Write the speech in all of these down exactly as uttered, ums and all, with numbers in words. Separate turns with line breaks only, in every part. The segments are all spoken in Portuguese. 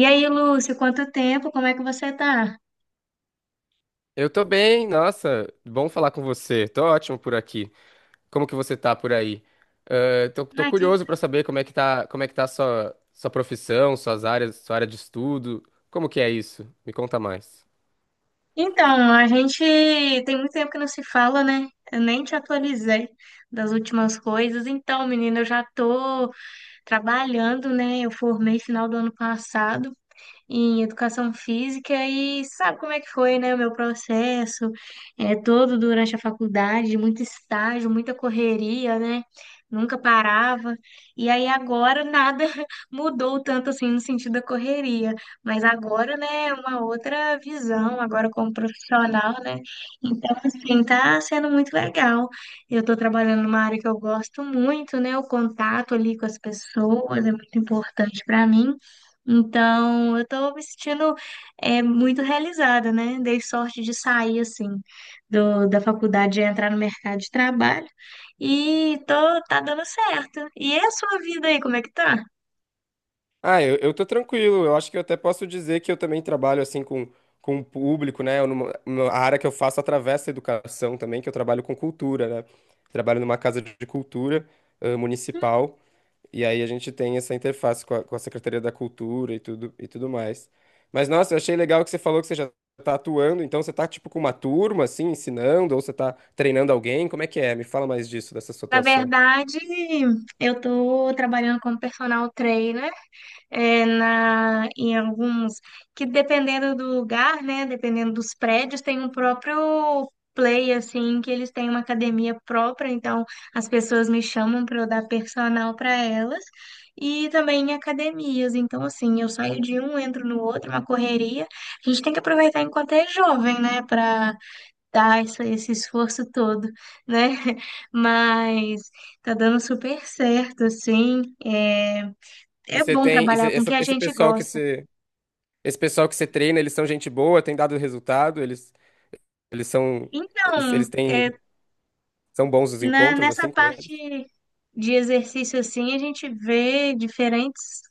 E aí, Lúcio, quanto tempo? Como é que você tá?
Eu tô bem, nossa, bom falar com você. Tô ótimo por aqui. Como que você tá por aí? Eh, tô, tô
Ah, que-
curioso pra saber como é que tá, como é que tá a sua, sua profissão, suas áreas, sua área de estudo. Como que é isso? Me conta mais.
Então, a gente tem muito tempo que não se fala, né? Eu nem te atualizei das últimas coisas. Então, menina, eu já tô trabalhando, né? Eu formei final do ano passado em educação física e sabe como é que foi, né, o meu processo, é, todo durante a faculdade, muito estágio, muita correria, né? Nunca parava. E aí agora nada mudou tanto assim no sentido da correria, mas agora, né, é uma outra visão, agora como profissional, né? Então, assim, tá sendo muito legal. Eu tô trabalhando numa área que eu gosto muito, né? O contato ali com as pessoas é muito importante para mim. Então, eu tô me sentindo é, muito realizada, né? Dei sorte de sair, assim, do, da faculdade e entrar no mercado de trabalho. E tô, tá dando certo. E é a sua vida aí, como é que tá?
Ah, eu, eu tô tranquilo. Eu acho que eu até posso dizer que eu também trabalho assim com, com o público, né? Eu numa- numa- a área que eu faço atravessa a educação também, que eu trabalho com cultura, né? Trabalho numa casa de cultura, eh, municipal. E aí a gente tem essa interface com a, com a Secretaria da Cultura e tudo, e tudo mais. Mas, nossa, eu achei legal que você falou que você já tá atuando, então você tá, tipo, com uma turma, assim, ensinando, ou você tá treinando alguém, como é que é? Me fala mais disso, dessa sua
Na
atuação.
verdade, eu tô trabalhando como personal trainer é, na, em alguns, que dependendo do lugar, né, dependendo dos prédios, tem um próprio play, assim, que eles têm uma academia própria, então as pessoas me chamam para eu dar personal para elas, e também em academias, então assim, eu saio de um, entro no outro, uma correria, a gente tem que aproveitar enquanto é jovem, né, para dar esse, esse esforço todo, né, mas tá dando super certo, assim, é
E
é
você
bom
tem, e você-
trabalhar com o que
essa-
a
esse
gente
pessoal que
gosta.
você, esse pessoal que você treina, eles são gente boa, tem dado resultado, eles, eles são, eles, eles
Então,
têm,
é,
são bons os
na-
encontros,
nessa
assim, com
parte
eles?
de exercício, assim, a gente vê diferentes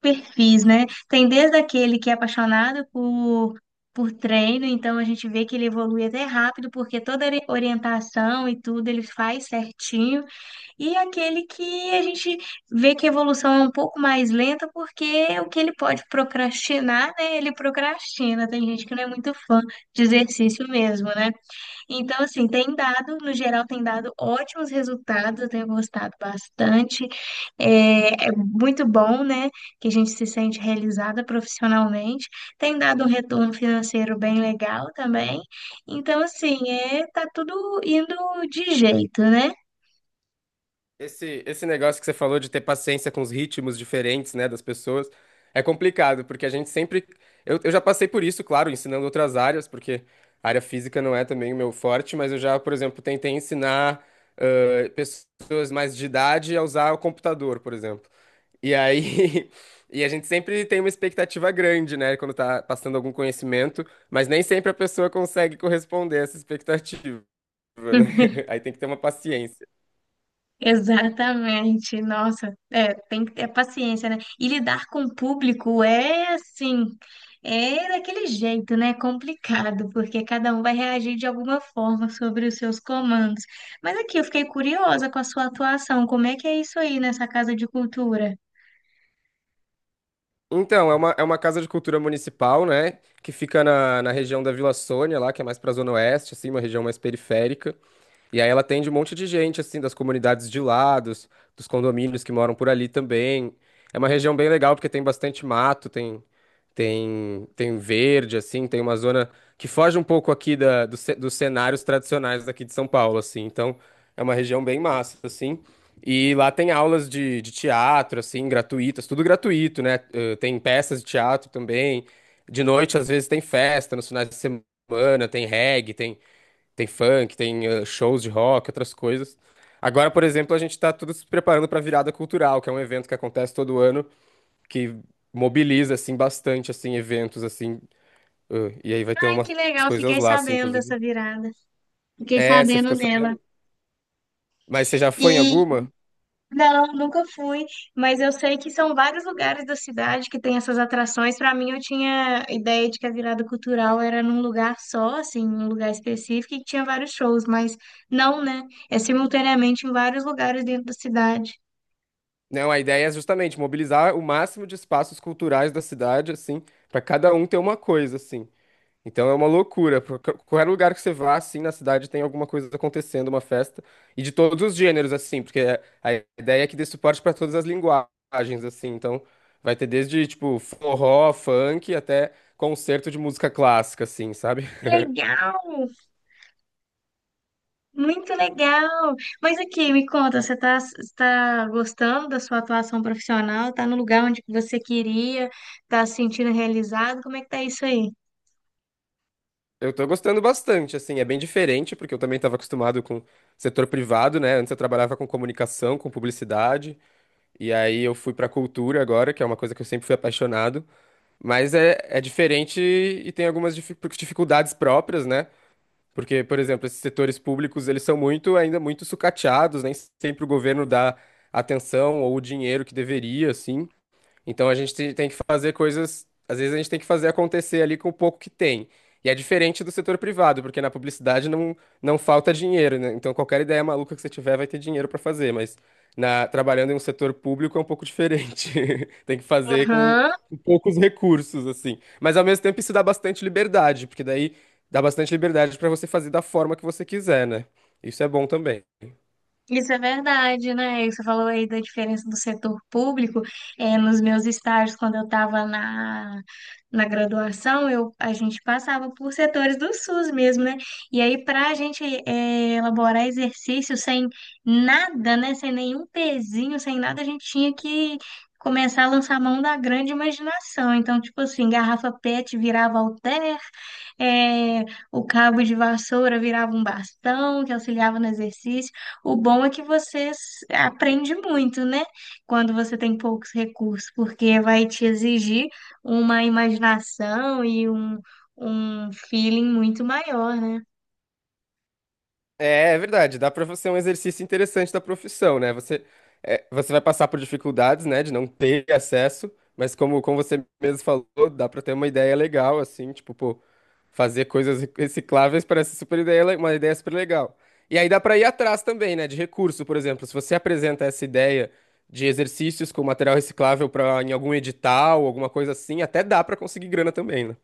perfis, né? Tem desde aquele que é apaixonado por, por treino, então a gente vê que ele evolui até rápido, porque toda ori- orientação e tudo ele faz certinho. E aquele que a gente vê que a evolução é um pouco mais lenta, porque o que ele pode procrastinar, né? Ele procrastina. Tem gente que não é muito fã de exercício mesmo, né? Então, assim, tem dado, no geral, tem dado ótimos resultados, eu tenho gostado bastante. É, é muito bom, né, que a gente se sente realizada profissionalmente. Tem dado um retorno financeiro bem legal também. Então, assim, é, tá tudo indo de jeito, né?
Esse, esse negócio que você falou de ter paciência com os ritmos diferentes, né, das pessoas, é complicado, porque a gente sempre. Eu, eu já passei por isso, claro, ensinando outras áreas, porque a área física não é também o meu forte, mas eu já, por exemplo, tentei ensinar ãh, pessoas mais de idade a usar o computador, por exemplo. E aí. E a gente sempre tem uma expectativa grande, né, quando tá passando algum conhecimento, mas nem sempre a pessoa consegue corresponder a essa expectativa, né? Aí tem que ter uma paciência.
Exatamente, nossa, é, tem que ter paciência, né? E lidar com o público é assim, é daquele jeito, né? Complicado, porque cada um vai reagir de alguma forma sobre os seus comandos. Mas aqui eu fiquei curiosa com a sua atuação, como é que é isso aí nessa casa de cultura?
Então, é uma, é uma casa de cultura municipal, né? Que fica na, na região da Vila Sônia, lá, que é mais pra Zona Oeste, assim, uma região mais periférica. E aí ela atende um monte de gente, assim, das comunidades de lá, dos, dos condomínios que moram por ali também. É uma região bem legal porque tem bastante mato, tem, tem, tem verde, assim, tem uma zona que foge um pouco aqui da, do ce- dos cenários tradicionais daqui de São Paulo, assim. Então, é uma região bem massa, assim. E lá tem aulas de, de teatro, assim, gratuitas, tudo gratuito, né? Eh, Tem peças de teatro também. De noite, às vezes, tem festa, nos finais de semana, tem reggae, tem. Tem funk, tem eh, shows de rock, outras coisas. Agora, por exemplo, a gente está tudo se preparando para a Virada Cultural, que é um evento que acontece todo ano, que mobiliza assim bastante assim eventos assim, eh, e aí vai ter
Ai,
umas
que legal,
coisas
fiquei
lá assim,
sabendo
inclusive.
dessa virada, fiquei
É, você
sabendo
ficou
dela.
sabendo? Mas você já foi em alguma?
Não, nunca fui, mas eu sei que são vários lugares da cidade que tem essas atrações. Para mim, eu tinha ideia de que a virada cultural era num lugar só, assim, num lugar específico, e que tinha vários shows, mas não, né? É simultaneamente em vários lugares dentro da cidade.
Não, a ideia é justamente mobilizar o máximo de espaços culturais da cidade assim, para cada um ter uma coisa assim. Então é uma loucura. por- qu- Qualquer lugar que você vá, assim, na cidade tem alguma coisa acontecendo, uma festa. E de todos os gêneros, assim, porque é, a ideia é que dê suporte para todas as linguagens, assim. Então vai ter desde, tipo, forró, funk, até concerto de música clássica, assim, sabe?
Legal! Muito legal! Mas aqui, me conta, você está está gostando da sua atuação profissional? Está no lugar onde você queria? Está se sentindo realizado? Como é que tá isso aí?
Eu tô gostando bastante, assim. É bem diferente, porque eu também estava acostumado com setor privado, né? Antes eu trabalhava com comunicação, com publicidade. E aí eu fui pra cultura agora, que é uma coisa que eu sempre fui apaixonado. Mas é, é diferente e tem algumas difi- dificuldades próprias, né? Porque, por exemplo, esses setores públicos, eles são muito, ainda muito sucateados, nem sempre o governo dá atenção ou o dinheiro que deveria, assim. Então a gente te- tem que fazer coisas, às vezes a gente tem que fazer acontecer ali com o pouco que tem. E é diferente do setor privado, porque na publicidade não, não falta dinheiro, né? Então qualquer ideia maluca que você tiver vai ter dinheiro para fazer, mas na, trabalhando em um setor público é um pouco diferente. Tem que fazer com,
Aham.
com poucos recursos, assim. Mas ao mesmo tempo isso dá bastante liberdade, porque daí dá bastante liberdade para você fazer da forma que você quiser, né? Isso é bom também.
Isso é verdade, né? Você falou aí da diferença do setor público. É, nos meus estágios, quando eu estava na, na graduação, eu, a gente passava por setores do SUS mesmo, né? E aí, para a gente é, elaborar exercício sem nada, né? Sem nenhum pezinho, sem nada, a gente tinha que começar a lançar mão da grande imaginação. Então, tipo assim, garrafa PET virava halter, é, o cabo de vassoura virava um bastão que auxiliava no exercício. O bom é que você s- aprende muito, né? Quando você tem poucos recursos, porque vai te exigir uma imaginação e um, um feeling muito maior, né?
É, é verdade, dá pra você um exercício interessante da profissão, né? Você, é, você vai passar por dificuldades, né, de não ter acesso, mas como, como você mesmo falou, dá pra ter uma ideia legal, assim, tipo, pô, fazer coisas recicláveis parece super ideia, le- uma ideia super legal. E aí dá pra ir atrás também, né, de recurso, por exemplo, se você apresenta essa ideia de exercícios com material reciclável para em algum edital, alguma coisa assim, até dá pra conseguir grana também, né?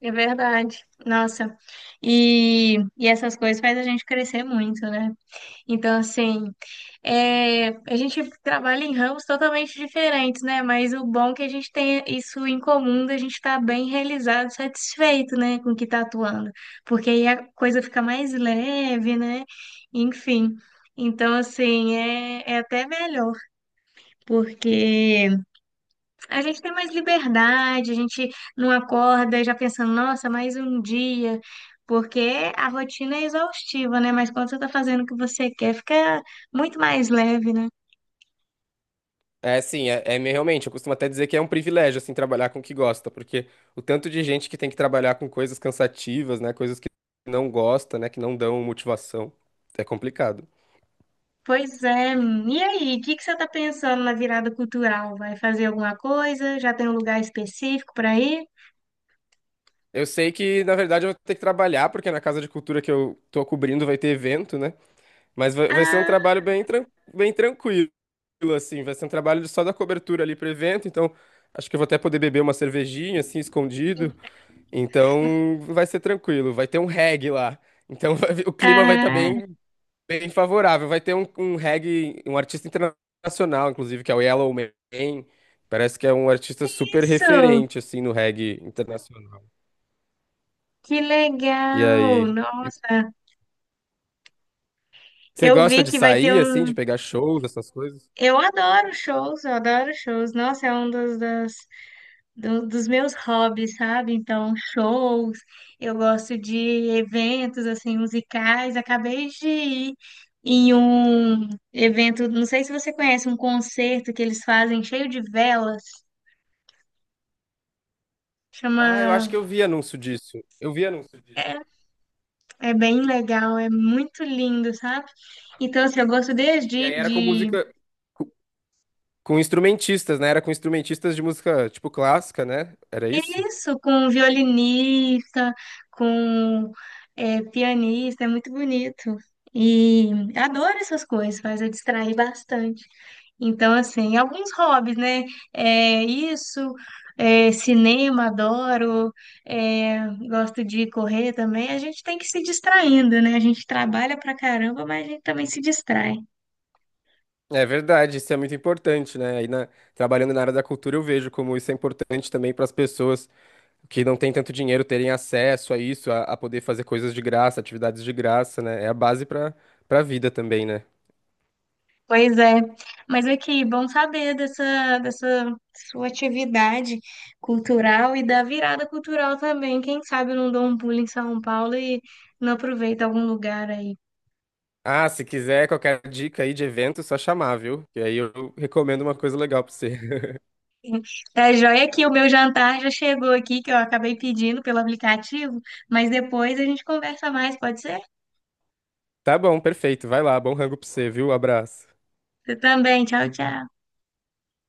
É verdade. Nossa. E, e essas coisas faz a gente crescer muito, né? Então, assim, é, a gente trabalha em ramos totalmente diferentes, né? Mas o bom é que a gente tem isso em comum, da gente estar bem realizado, satisfeito, né, com o que está atuando. Porque aí a coisa fica mais leve, né? Enfim. Então, assim, é, é até melhor, porque a gente tem mais liberdade, a gente não acorda já pensando, nossa, mais um dia, porque a rotina é exaustiva, né? Mas quando você tá fazendo o que você quer, fica muito mais leve, né?
É, sim, é, é me- realmente, eu costumo até dizer que é um privilégio, assim, trabalhar com o que gosta, porque o tanto de gente que tem que trabalhar com coisas cansativas, né, coisas que não gosta, né, que não dão motivação, é complicado.
Pois é. E aí, o que que você tá pensando na virada cultural? Vai fazer alguma coisa? Já tem um lugar específico para ir?
Eu sei que, na verdade, eu vou ter que trabalhar, porque na Casa de Cultura que eu tô cobrindo vai ter evento, né, mas vai, vai ser um
Ah,
trabalho bem, tran- bem tranquilo, assim, vai ser um trabalho só da cobertura ali pro evento, então acho que eu vou até poder beber uma cervejinha, assim, escondido. Então vai ser tranquilo, vai ter um reggae lá. Então o clima vai estar
ah,
bem, bem favorável. Vai ter um, um reggae, um artista internacional, inclusive, que é o Yellow Man. Parece que é um artista super
isso!
referente, assim, no reggae internacional.
Que
E
legal!
aí?
Nossa,
Você
eu
gosta
vi
de
que vai ter
sair, assim, de
um.
pegar shows, essas coisas?
Eu adoro shows, eu adoro shows. Nossa, é um dos, das do- dos meus hobbies, sabe? Então, shows, eu gosto de eventos assim musicais. Acabei de ir em um evento, não sei se você conhece, um concerto que eles fazem cheio de velas. Chama,
Ah, eu acho que eu vi anúncio disso. Eu vi anúncio disso.
é bem legal, é muito lindo, sabe? Então, assim, eu gosto
E
desde
aí era com
de
música, com com instrumentistas, né? Era com instrumentistas de música, tipo, clássica, né? Era isso?
isso com violinista, com é, pianista, é muito bonito. E adoro essas coisas, faz eu distrair bastante. Então, assim, alguns hobbies, né? É isso, é cinema, adoro, é, gosto de correr também. A gente tem que se distraindo, né? A gente trabalha pra caramba, mas a gente também se distrai.
É verdade, isso é muito importante, né? Aí na- trabalhando na área da cultura, eu vejo como isso é importante também para as pessoas que não têm tanto dinheiro terem acesso a isso, a, a poder fazer coisas de graça, atividades de graça, né? É a base para para a vida também, né?
Pois é. Mas aqui, bom saber dessa, dessa sua atividade cultural e da virada cultural também. Quem sabe eu não dou um pulo em São Paulo e não aproveito algum lugar aí.
Ah, se quiser qualquer dica aí de evento, só chamar, viu? E aí eu recomendo uma coisa legal para você.
Tá joia que o meu jantar já chegou aqui, que eu acabei pedindo pelo aplicativo, mas depois a gente conversa mais, pode ser?
Tá bom, perfeito. Vai lá, bom rango para você, viu? Abraço.
Você também, tchau, tchau.